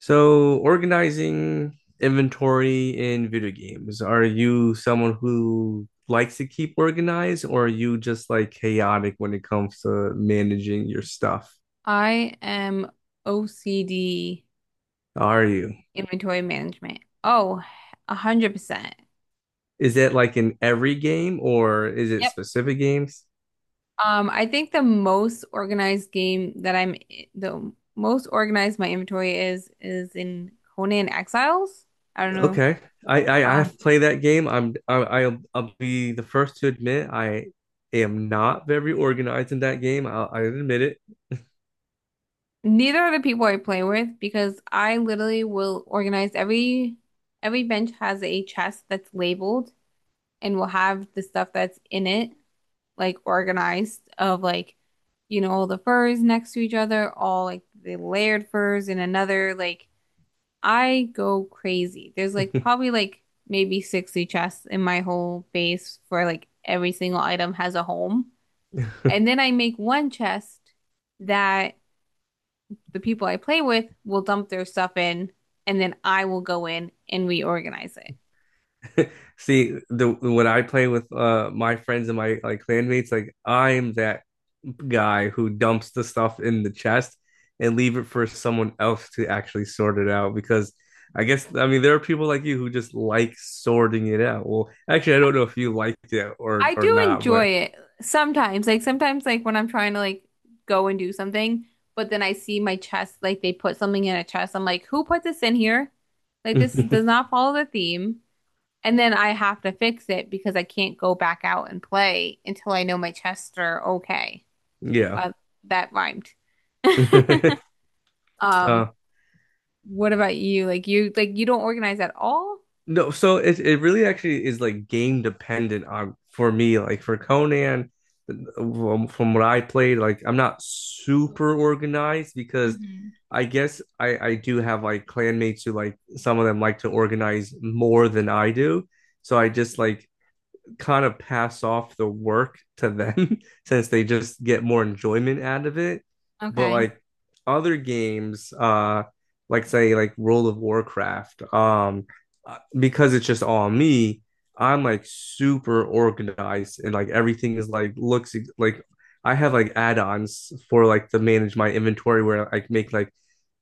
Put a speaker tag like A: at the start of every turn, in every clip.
A: So, organizing inventory in video games, are you someone who likes to keep organized, or are you just like chaotic when it comes to managing your stuff?
B: I am OCD
A: Are you?
B: inventory management. Oh, 100%.
A: Is it like in every game, or is it
B: Yep.
A: specific games?
B: I think the most organized game that I'm the most organized my inventory is in Conan Exiles. I don't know.
A: Okay. I
B: Um,
A: have played that game. I'll be the first to admit I am not very organized in that game. I admit it.
B: neither are the people I play with, because I literally will organize every— every bench has a chest that's labeled and will have the stuff that's in it, like organized of, like, you know, all the furs next to each other, all like the layered furs in another. Like, I go crazy. There's like probably like maybe 60 chests in my whole base, for like every single item has a home. And then I make one chest that the people I play with will dump their stuff in, and then I will go in and reorganize it.
A: See, the when I play with my friends and my like clanmates, like I'm that guy who dumps the stuff in the chest and leave it for someone else to actually sort it out because I guess I mean there are people like you who just like sorting it out. Well, actually, I don't know if you liked it or
B: I do
A: not,
B: enjoy
A: but
B: it sometimes. Like sometimes like when I'm trying to like go and do something, but then I see my chest, like they put something in a chest. I'm like, who put this in here? Like this is— does not follow the theme. And then I have to fix it because I can't go back out and play until I know my chests are okay.
A: yeah.
B: Well, that rhymed.
A: uh,
B: Um, what about you? Like you don't organize at all?
A: No, so it really actually is like game dependent on for me. Like for Conan, from what I played, like I'm not super organized because
B: Hmm.
A: I guess I do have like clanmates who like some of them like to organize more than I do. So I just like kind of pass off the work to them since they just get more enjoyment out of it. But
B: Okay.
A: like other games, like say like World of Warcraft, because it's just all me, I'm like super organized and like everything is like looks like I have like add-ons for like to manage my inventory where I make like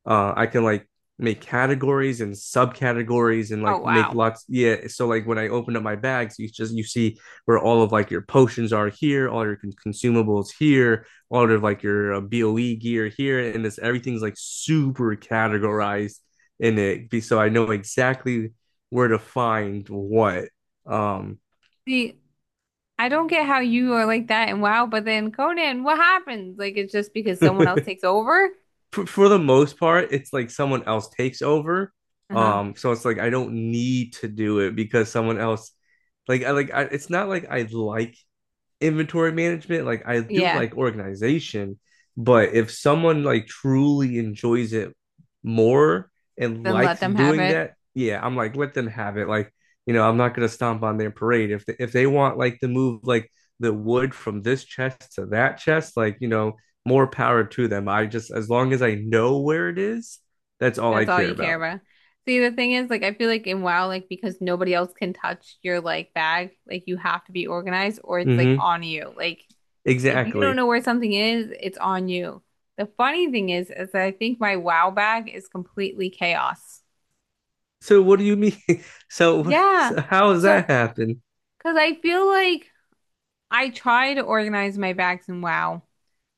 A: I can like make categories and subcategories and
B: Oh,
A: like make
B: wow.
A: lots yeah so like when I open up my bags you see where all of like your potions are here all your consumables here all of like your boe gear here and this everything's like super categorized in it so I know exactly where to find what um
B: See, I don't get how you are like that and WoW, but then Conan, what happens? Like it's just because someone else takes over?
A: for the most part, it's like someone else takes over.
B: Uh-huh.
A: So it's like I don't need to do it because someone else, it's not like I like inventory management. Like I do
B: Yeah.
A: like organization, but if someone like truly enjoys it more and
B: Then let
A: likes
B: them have
A: doing
B: it.
A: that, yeah, I'm like let them have it. Like you know, I'm not gonna stomp on their parade if they want like to move like the wood from this chest to that chest, like you know, more power to them. I just as long as I know where it is, that's all I
B: That's all
A: care
B: you care
A: about.
B: about. See, the thing is, like I feel like in WoW, like because nobody else can touch your like bag, like you have to be organized or it's like
A: Mm-hmm.
B: on you. Like if you don't
A: Exactly.
B: know where something is, it's on you. The funny thing is that I think my WoW bag is completely chaos.
A: So what do you mean? So,
B: Yeah.
A: so how does
B: So,
A: that happen?
B: because I feel like I try to organize my bags in WoW.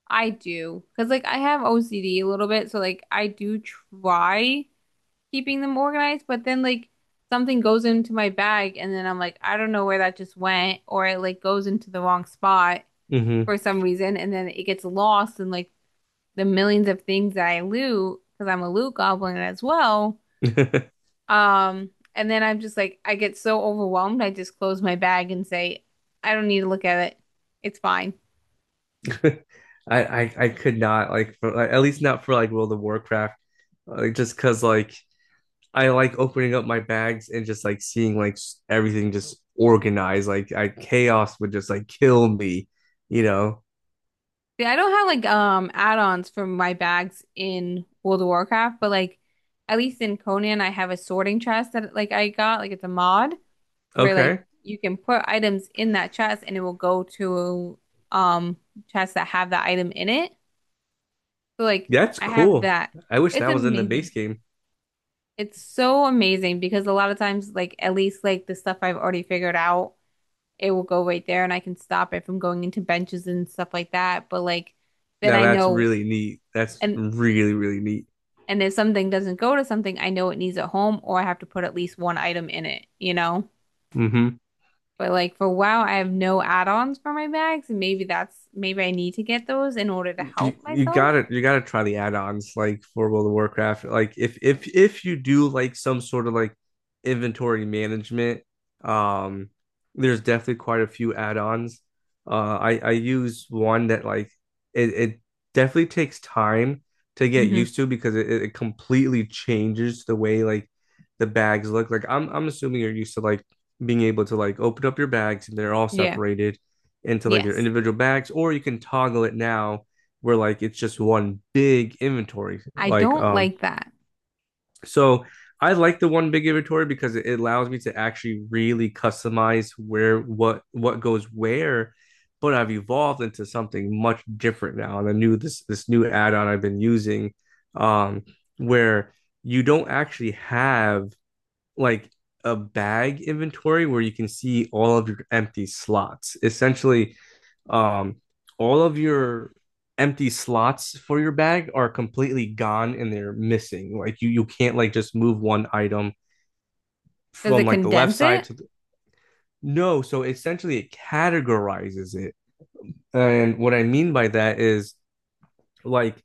B: I do. Because, like, I have OCD a little bit. So, like, I do try keeping them organized. But then, like, something goes into my bag. And then I'm like, I don't know where that just went. Or it, like, goes into the wrong spot
A: Mm-hmm.
B: for some reason. And then it gets lost in, like, the millions of things that I loot. Because I'm a loot goblin as well. Um, and then I'm just like, I get so overwhelmed. I just close my bag and say, I don't need to look at it. It's fine.
A: I could not like for like, at least not for like World of Warcraft like just cause like I like opening up my bags and just like seeing like everything just organized like I chaos would just like kill me you know.
B: See, I don't have like add-ons for my bags in World of Warcraft, but like at least in Conan I have a sorting chest that like I got, like it's a mod where like
A: Okay,
B: you can put items in that chest and it will go to um chests that have that item in it. So like
A: that's
B: I have
A: cool.
B: that.
A: I wish that
B: It's
A: was in the
B: amazing.
A: base game.
B: It's so amazing because a lot of times like at least like the stuff I've already figured out, it will go right there and I can stop it from going into benches and stuff like that. But like then
A: Now
B: I
A: that's
B: know
A: really neat, that's
B: and
A: really really neat.
B: and if something doesn't go to something, I know it needs at home or I have to put at least one item in it, you know?
A: Mm-hmm.
B: But like for WoW, I have no add-ons for my bags, and maybe that's— maybe I need to get those in order to
A: you
B: help
A: you
B: myself.
A: gotta you gotta try the add-ons like for World of Warcraft. Like if you do like some sort of like inventory management, um, there's definitely quite a few add-ons. I use one that like it definitely takes time to get used
B: Hmm.
A: to because it completely changes the way like the bags look. Like I'm assuming you're used to like being able to like open up your bags and they're all
B: Yeah.
A: separated into like their
B: Yes.
A: individual bags, or you can toggle it now where like it's just one big inventory.
B: I
A: Like
B: don't like that.
A: so I like the one big inventory because it allows me to actually really customize where what goes where. But I've evolved into something much different now, and I knew this new add-on I've been using, um, where you don't actually have like a bag inventory where you can see all of your empty slots. Essentially, um, all of your empty slots for your bag are completely gone and they're missing. Like you can't like just move one item
B: Does
A: from
B: it
A: like the left
B: condense
A: side
B: it?
A: to the no. So essentially, it categorizes it. And what I mean by that is like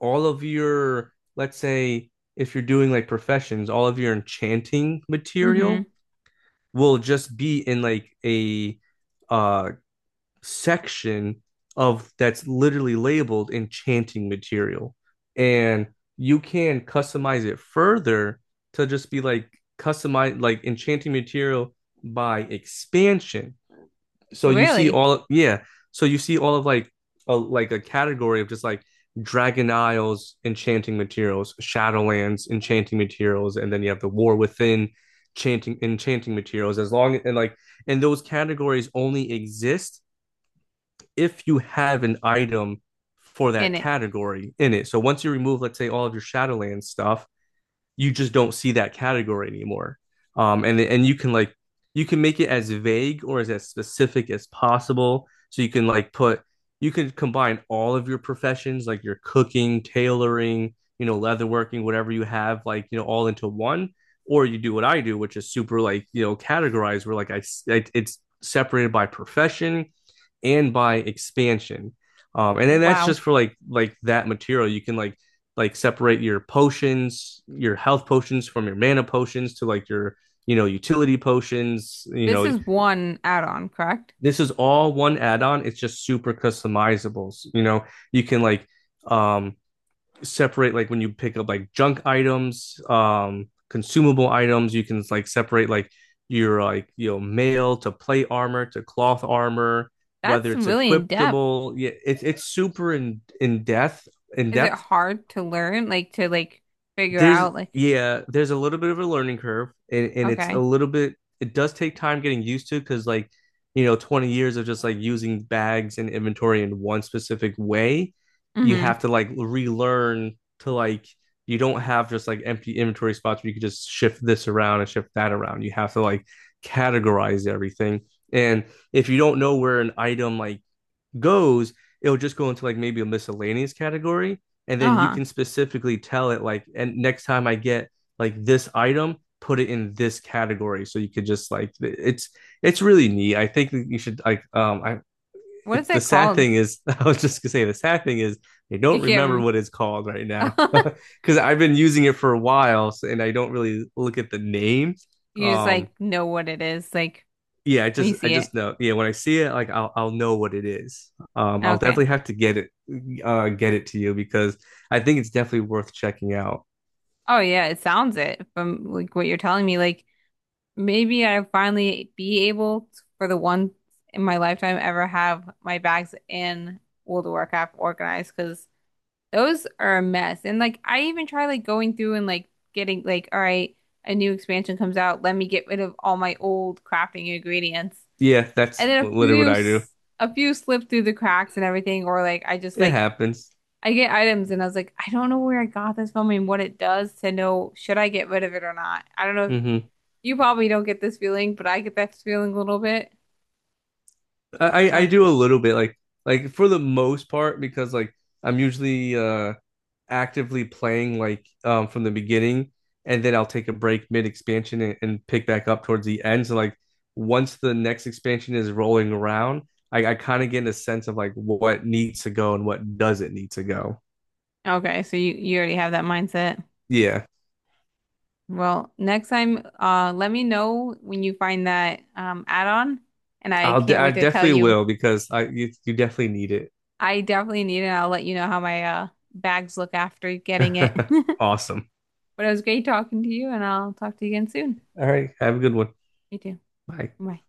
A: all of your, let's say, if you're doing like professions, all of your enchanting
B: Hmm.
A: material will just be in like a uh section of that's literally labeled enchanting material and you can customize it further to just be like customize like enchanting material by expansion so you see
B: Really?
A: all yeah so you see all of like a category of just like dragon isles enchanting materials, shadowlands enchanting materials, and then you have the war within chanting enchanting materials as long and like and those categories only exist if you have an item for that
B: In it.
A: category in it so once you remove let's say all of your shadowlands stuff you just don't see that category anymore. And you can like you can make it as vague or as specific as possible. So you can like put you can combine all of your professions, like your cooking, tailoring, you know, leatherworking, whatever you have, like you know, all into one. Or you do what I do, which is super like you know categorized, where like I it's separated by profession and by expansion. And then that's
B: Wow.
A: just for like that material. You can like separate your potions, your health potions from your mana potions to like your you know utility potions. You
B: This
A: know
B: is one add-on, correct?
A: this is all one add-on. It's just super customizable. You know you can like um separate like when you pick up like junk items, consumable items. You can like separate like your like you know mail to plate armor to cloth armor,
B: That's
A: whether it's
B: really in depth.
A: equipable. Yeah, it's super in depth in
B: Is it
A: depth
B: hard to learn, like to like figure
A: There's
B: out like
A: Yeah, there's a little bit of a learning curve and it's a
B: okay.
A: little bit it does take time getting used to because like you know, 20 years of just like using bags and inventory in one specific way, you
B: Hmm.
A: have to like relearn to like you don't have just like empty inventory spots where you can just shift this around and shift that around. You have to like categorize everything. And if you don't know where an item like goes, it'll just go into like maybe a miscellaneous category. And then you
B: Uh-huh.
A: can specifically tell it like, and next time I get like this item, put it in this category. So you could just like it's really neat. I think you should like I
B: What is
A: it's the
B: that
A: sad
B: called?
A: thing is I was just gonna say the sad thing is I
B: You
A: don't remember
B: can't.
A: what it's called right now because I've been using it for a while so, and I don't really look at the name.
B: You just
A: Um,
B: like know what it is, like
A: yeah,
B: when you
A: I
B: see it.
A: just know. Yeah, when I see it, like I'll know what it is. I'll
B: Okay.
A: definitely have to get it to you because I think it's definitely worth checking out.
B: Oh yeah, it sounds it from like what you're telling me. Like maybe I'll finally be able to, for the once in my lifetime ever have my bags in World of Warcraft organized, because those are a mess. And like I even try like going through and like getting like, all right, a new expansion comes out. Let me get rid of all my old crafting ingredients,
A: Yeah, that's
B: and then
A: literally what I do.
B: a few slip through the cracks and everything, or like I just
A: It
B: like
A: happens.
B: I get items and I was like, I don't know where I got this from and what it does to know should I get rid of it or not. I don't know if
A: Hmm.
B: you probably don't get this feeling, but I get that feeling a little bit.
A: I
B: Oh,
A: do a little bit like for the most part because like I'm usually actively playing like from the beginning and then I'll take a break mid expansion and pick back up towards the end. So like once the next expansion is rolling around, I kind of get a sense of like what needs to go and what doesn't need to go.
B: okay. So you already have that mindset.
A: Yeah,
B: Well, next time, let me know when you find that add-on and I can't
A: I
B: wait to tell
A: definitely
B: you.
A: will because I you, you definitely need it.
B: I definitely need it. I'll let you know how my bags look after getting it.
A: Awesome.
B: But it was great talking to you and I'll talk to you again soon.
A: All right, have a good one.
B: You too.
A: Bye.
B: Bye.